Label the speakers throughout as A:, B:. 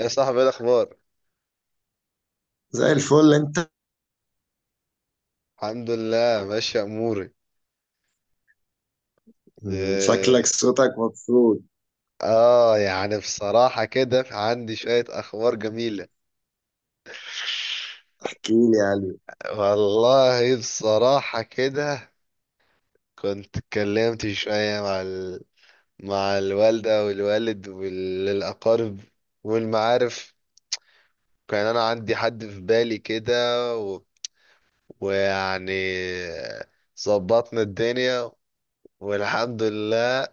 A: يا صاحبي، ايه الاخبار؟
B: زي الفل انت.
A: الحمد لله ماشي اموري.
B: شكلك
A: إيه،
B: صوتك مبسوط.
A: اه يعني بصراحة كده عندي شوية اخبار جميلة.
B: احكي لي يا قلبي.
A: والله بصراحة كده كنت اتكلمت شوية مع مع الوالدة والوالد والأقارب والمعارف. كان أنا عندي حد في بالي كده و... ويعني ظبطنا الدنيا والحمد لله.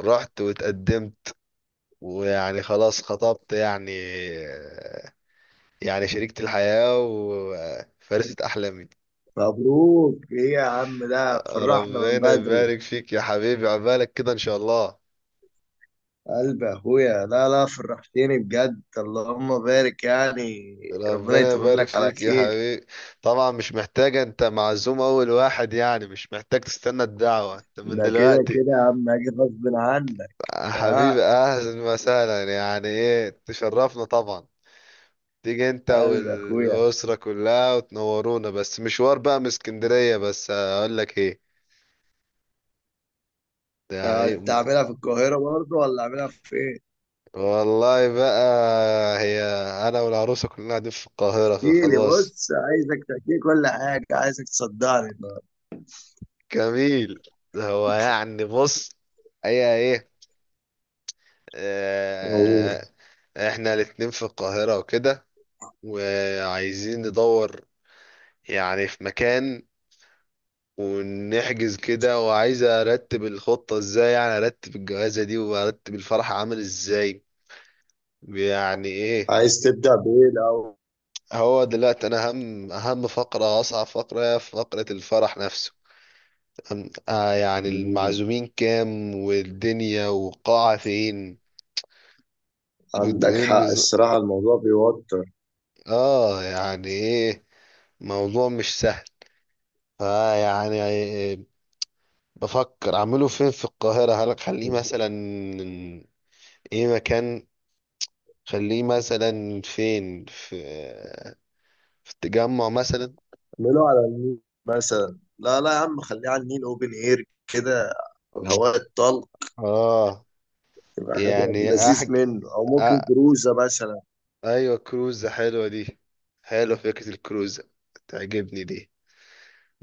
A: رحت واتقدمت ويعني خلاص خطبت يعني، يعني شريكة الحياة وفارسة أحلامي.
B: مبروك ايه يا عم، ده فرحنا من
A: ربنا
B: بدري.
A: يبارك فيك يا حبيبي، عبالك كده إن شاء الله.
B: قلب اخويا، لا لا فرحتني بجد، اللهم بارك يعني. ربنا
A: ربنا
B: يتمم
A: يبارك
B: لك على
A: فيك يا
B: خير.
A: حبيبي. طبعا مش محتاجة، انت معزوم اول واحد، يعني مش محتاج تستنى الدعوة انت من
B: ده كده
A: دلوقتي.
B: كده يا عم، اجي غصب عنك.
A: حبيبي
B: اه.
A: اهلا وسهلا، يعني ايه، تشرفنا طبعا. تيجي انت
B: قلب اخويا.
A: والاسرة كلها وتنورونا، بس مشوار بقى من اسكندرية. بس اقول لك ايه، ده
B: ده
A: يعني
B: انت عاملها في القاهرة برضه ولا عاملها في ايه؟
A: والله بقى هي، انا والعروسه كلنا قاعدين في القاهره
B: احكي لي،
A: فخلاص.
B: بص عايزك تحكي لي كل حاجة، عايزك تصدعني النهارده.
A: جميل. ده هو يعني بص، هي ايه،
B: أوه.
A: آه، احنا الاتنين في القاهره وكده، وعايزين ندور يعني في مكان ونحجز كده. وعايز ارتب الخطه ازاي، يعني ارتب الجوازه دي وارتب الفرح عامل ازاي. يعني ايه؟
B: عايز تبدأ بإيه
A: هو دلوقتي انا اهم فقره، اصعب فقره هي فقره الفرح نفسه. يعني
B: الأول؟
A: المعزومين كام، والدنيا والقاعة فين.
B: عندك
A: والدقن.
B: حق الصراحة، الموضوع بيوتر.
A: اه يعني ايه، موضوع مش سهل. فيعني بفكر اعمله فين في القاهرة، هل اخليه مثلا ايه مكان، خليه مثلا فين في التجمع مثلا.
B: اعمله على النيل مثلا. لا لا يا عم، خليه على النيل اوبن اير كده، الهواء الطلق.
A: اه
B: يبقى حاجة
A: يعني
B: لذيذ منه، أو ممكن
A: آه
B: كروزة مثلا.
A: ايوه، كروزة حلوة دي. حلوة فكرة الكروزة، تعجبني دي.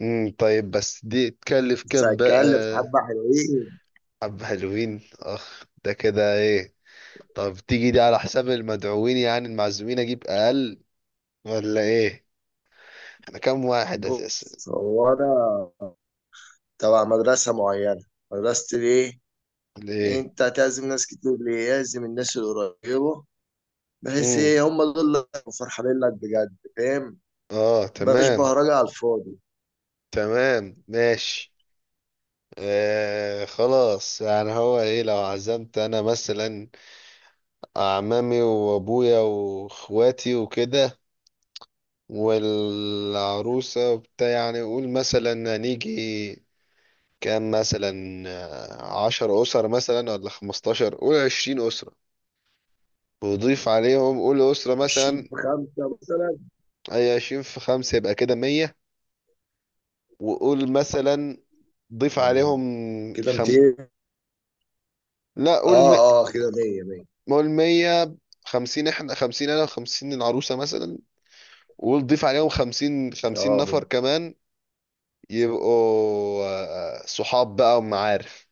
A: طيب بس دي تكلف
B: بس
A: كام بقى؟
B: هتكلف حبة حلوين.
A: حبة حلوين. اخ ده كده ايه. طب تيجي دي على حساب المدعوين، يعني المعزومين اجيب اقل ولا ايه؟ احنا كام واحد اساسا؟
B: بص هو أنا تبع مدرسة معينة. مدرسة الإيه؟
A: ولا ايه.
B: أنت هتعزم ناس كتير ليه؟ لازم الناس القريبة، بحيث
A: امم.
B: إيه هم دول اللي هيبقوا فرحانين لك بجد، فاهم؟
A: اه
B: بلاش
A: تمام.
B: بهرجة على الفاضي.
A: تمام ماشي. آه خلاص، يعني هو ايه، لو عزمت انا مثلا اعمامي وابويا واخواتي وكده والعروسة وبتاع، يعني قول مثلا هنيجي كام مثلا. آه، عشر أسر مثلا ولا خمستاشر، قول عشرين أسرة. وضيف عليهم قول أسرة
B: 20
A: مثلا.
B: في 5
A: أي عشرين في خمسة يبقى كده مية. وقول مثلا ضيف
B: مثلا،
A: عليهم
B: كده
A: خم...
B: 200.
A: لا قول م...
B: اه اه، كده 100 100.
A: قول مية. خمسين احنا، خمسين أنا وخمسين العروسة مثلا. وقول ضيف عليهم خمسين، خمسين
B: اه
A: نفر كمان. يبقوا آه، صحاب بقى ومعارف،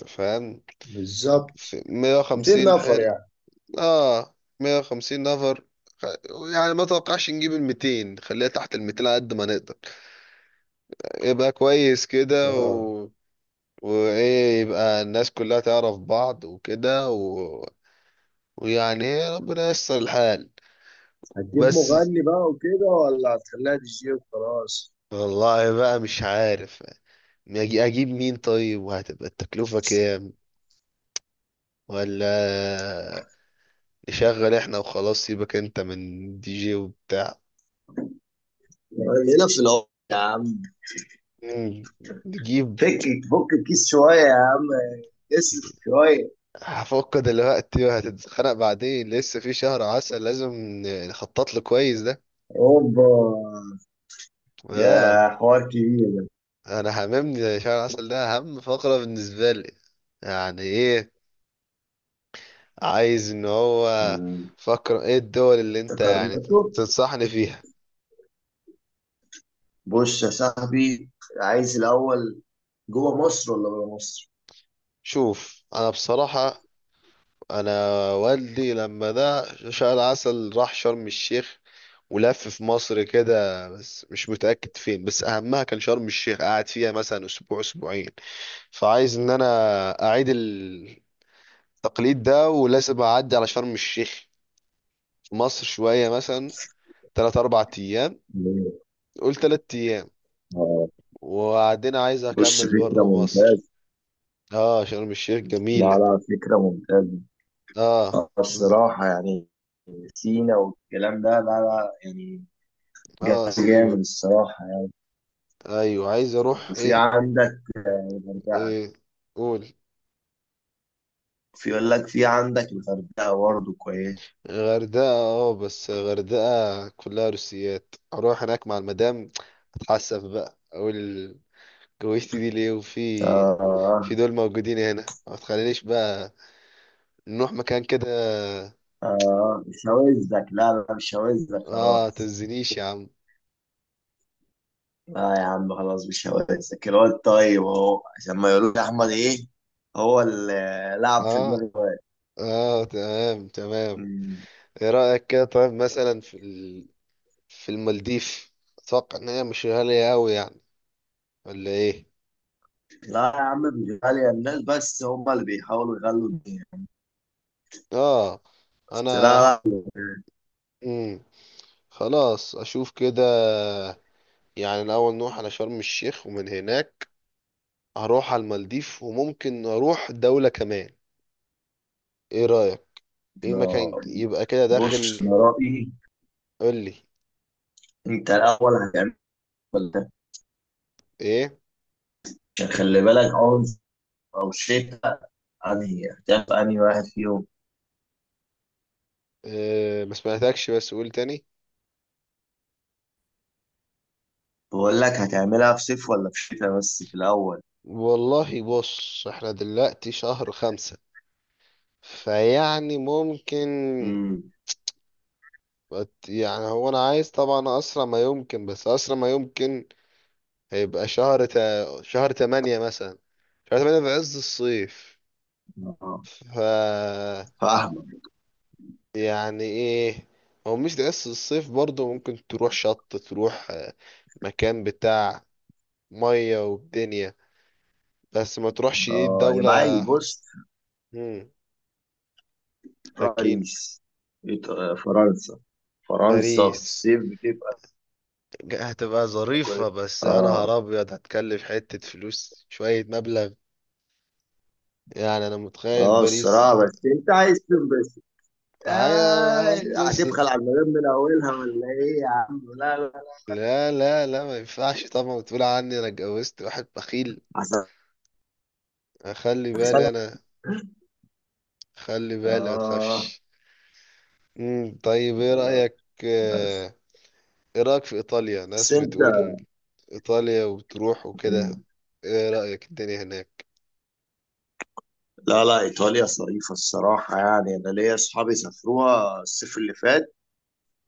A: أنت فاهم.
B: بالظبط،
A: في مية
B: 200
A: وخمسين،
B: نفر
A: حلو،
B: يعني.
A: اه 150 نفر. خ- يعني ما توقعش نجيب ال 200، خليها تحت ال 200 على قد ما نقدر. يبقى كويس كده
B: اه.
A: وايه، يبقى الناس كلها تعرف بعض وكده ويعني إيه، ربنا ييسر الحال.
B: هتجيب
A: بس
B: مغني بقى وكده، ولا هتخليها دي جي وخلاص؟
A: والله بقى مش عارف، اجيب مين طيب، وهتبقى التكلفة كام؟ ولا نشغل احنا وخلاص، سيبك انت من دي جي وبتاع.
B: هنا في العمر يا عم.
A: مم، نجيب.
B: فك فك الكيس شوية يا عم، اصرف شوية.
A: هفك دلوقتي وهتتخانق بعدين، لسه في شهر عسل لازم نخطط له كويس ده.
B: اوبا.
A: اه،
B: يا حوار كبير ده.
A: انا هممني شهر عسل ده اهم فقرة بالنسبة لي. يعني ايه، عايز ان هو
B: مم.
A: فقرة ايه الدول اللي انت يعني
B: تكررته.
A: تنصحني فيها.
B: بص يا صاحبي، عايز الأول جوه مصر ولا بره مصر؟
A: شوف انا بصراحة، انا والدي لما ده شال عسل راح شرم الشيخ ولف في مصر كده بس مش متأكد فين، بس اهمها كان شرم الشيخ، قعد فيها مثلا اسبوع اسبوعين. فعايز ان انا اعيد التقليد ده، ولازم اعدي على شرم الشيخ في مصر شوية، مثلا تلات اربع ايام.
B: مم.
A: قول تلات ايام.
B: آه.
A: وبعدين عايز
B: بص
A: اكمل
B: فكرة
A: برا مصر.
B: ممتازة.
A: اه شرم الشيخ
B: لا
A: جميلة.
B: لا فكرة ممتازة
A: اه. ز-
B: الصراحة يعني. سينا والكلام ده لا لا يعني
A: اه
B: جامد
A: سيبك.
B: الصراحة يعني.
A: ايوه عايز اروح
B: وفي
A: ايه.
B: عندك الغردقة.
A: ايه قول.
B: في يقول لك في عندك الغردقة برضه كويس.
A: غردقة، اه بس غردقة كلها روسيات، اروح هناك مع المدام اتحسف بقى، اقول جوزتي دي ليه وفي
B: آه.
A: في دول موجودين هنا. ما تخلينيش بقى نروح مكان كده.
B: آه شواذك، لا لا مش شواذك
A: اه
B: خلاص.
A: تزنيش يا عم.
B: لا يا عم خلاص مش شواذك الواد، طيب أهو عشان ما يقولوش أحمد إيه. هو اللي لعب في دماغ
A: اه.
B: الواد.
A: اه تمام تمام.
B: مم.
A: ايه رأيك كده طيب مثلا في في المالديف؟ اتوقع ان هي مش غالية اوي يعني، ولا ايه؟
B: لا يا عم مش غالية، الناس بس هم اللي بيحاولوا يغلوا الدنيا.
A: اه
B: بس لا
A: انا.
B: لا
A: مم. خلاص اشوف كده، يعني الأول نروح على شرم الشيخ، ومن هناك هروح على المالديف، وممكن أروح دولة كمان. إيه رأيك؟ إيه
B: لا،
A: مكان يبقى كده داخل.
B: بص أنا رأيي.
A: قولي.
B: أنت الأول هتعمل، ولا؟
A: إيه؟
B: عشان خلي بالك، عنف أو شتاء؟ أنهي هتعمل، أنهي واحد فيهم؟
A: إيه آه، ما سمعتكش بس قول تاني.
B: بقول لك هتعملها في صيف ولا في شتاء، بس في الأول.
A: والله بص احنا دلوقتي شهر خمسة، فيعني ممكن
B: امم
A: يعني هو أنا عايز طبعا أسرع ما يمكن. بس أسرع ما يمكن هيبقى شهر تمانية مثلا، شهر تمانية في عز الصيف.
B: اه
A: ف،
B: فاهمة.
A: يعني ايه، هو مش بس الصيف برضه ممكن تروح شط، تروح آه، مكان بتاع مية والدنيا. بس ما تروحش ايه
B: اه
A: الدولة.
B: يبقى عايز بص.
A: مم. هكين
B: باريس. فرنسا. فرنسا في
A: باريس.
B: الصيف بتبقى
A: هتبقى
B: كويس.
A: ظريفة، بس يا
B: اه
A: نهار أبيض هتكلف حتة فلوس، شوية مبلغ يعني. أنا متخيل
B: اه
A: باريس.
B: الصراحة، بس انت عايز تنبسط. آه
A: عايز بس
B: هتبخل على المدام من اولها ولا ايه يا عم؟ لا لا.
A: لا لا لا، ما ينفعش طبعا تقول عني أنا اتجوزت واحد بخيل.
B: عشان.
A: خلي بالي أنا، خلي بالي، ما
B: آه.
A: تخافش. مم. طيب ايه رأيك
B: بس
A: آه، ايه رأيك في ايطاليا؟
B: بس
A: ناس
B: أنت.
A: بتقول ايطاليا وبتروح وكده. ايه رأيك الدنيا هناك؟
B: لا لا إيطاليا ظريفة الصراحة يعني، أنا ليا أصحابي سافروها الصيف اللي فات،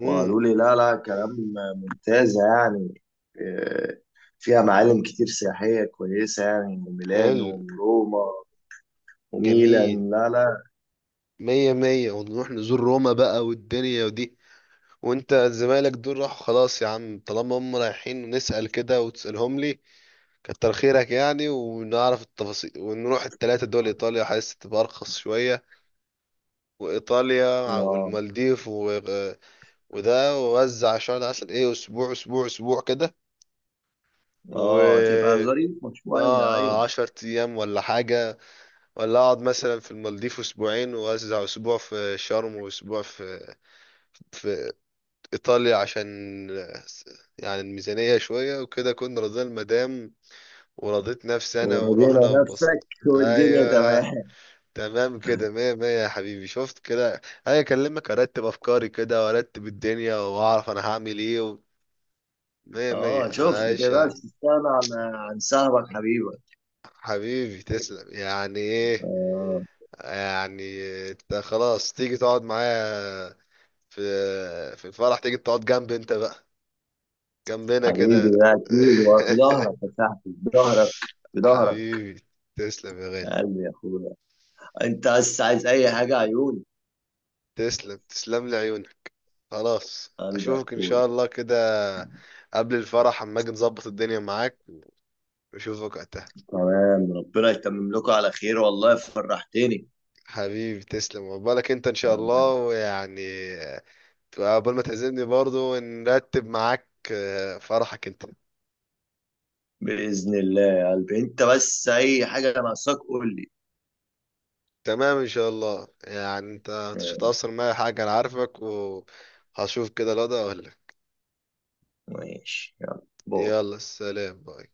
A: امم.
B: وقالوا لي لا لا كلام ممتازة يعني. آه، فيها معالم كتير سياحية كويسة، يعني
A: حلو.
B: ميلانو وروما
A: جميل.
B: وميلان. لا لا
A: مية مية، ونروح نزور روما بقى والدنيا ودي. وانت زمايلك دول راحوا خلاص يا عم، طالما هم رايحين نسأل كده، وتسألهم لي، كتر خيرك يعني، ونعرف التفاصيل، ونروح التلاتة دول. ايطاليا حاسس تبقى ارخص شوية، وايطاليا
B: آه
A: والمالديف، وده وزع شهر العسل ايه، اسبوع اسبوع اسبوع كده.
B: آه، تبقى
A: و
B: ظريفة شوية أيوة.
A: اه عشر ايام ولا حاجة. ولا اقعد مثلا في المالديف اسبوعين، واوزع اسبوع في شرم واسبوع في ايطاليا، عشان يعني الميزانية شوية وكده، كنا راضيين المدام ورضيت نفسي انا
B: ورضينا
A: ورحنا وبص.
B: نفسك والدنيا
A: ايوه.
B: تمام.
A: تمام كده، مية مية يا حبيبي. شفت كده؟ انا اكلمك ارتب افكاري كده وارتب الدنيا واعرف انا هعمل ايه مية مية
B: آه شوف، ما
A: عايش.
B: تقدرش تستغنى عن صاحبك حبيبك.
A: حبيبي تسلم، يعني ايه
B: آه.
A: يعني. انت خلاص تيجي تقعد معايا في في الفرح، تيجي تقعد جنب، انت بقى جنبنا
B: حبيبي
A: كده.
B: ده اكيد هو في ظهرك يا صاحبي، في ظهرك، في ظهرك.
A: حبيبي تسلم يا غالي.
B: يا قلبي يا اخويا، انت بس عايز اي حاجه عيوني.
A: تسلم تسلم لي عيونك. خلاص
B: قلبي يا
A: اشوفك ان شاء
B: اخويا.
A: الله كده قبل الفرح، اما اجي نظبط الدنيا معاك، واشوفك وقتها.
B: تمام، ربنا يتمم لكم على خير، والله فرحتني.
A: حبيبي تسلم وبالك انت ان شاء
B: تمام.
A: الله، ويعني قبل ما تعزمني برضو نرتب معاك آه، فرحك انت.
B: باذن الله يا قلبي، انت بس اي حاجه ناقصاك قول لي.
A: تمام ان شاء الله. يعني انت مش
B: تمام،
A: هتأثر معايا حاجة، انا عارفك وهشوف كده الوضع ولا.
B: ماشي يلا باي.
A: يلا سلام باي.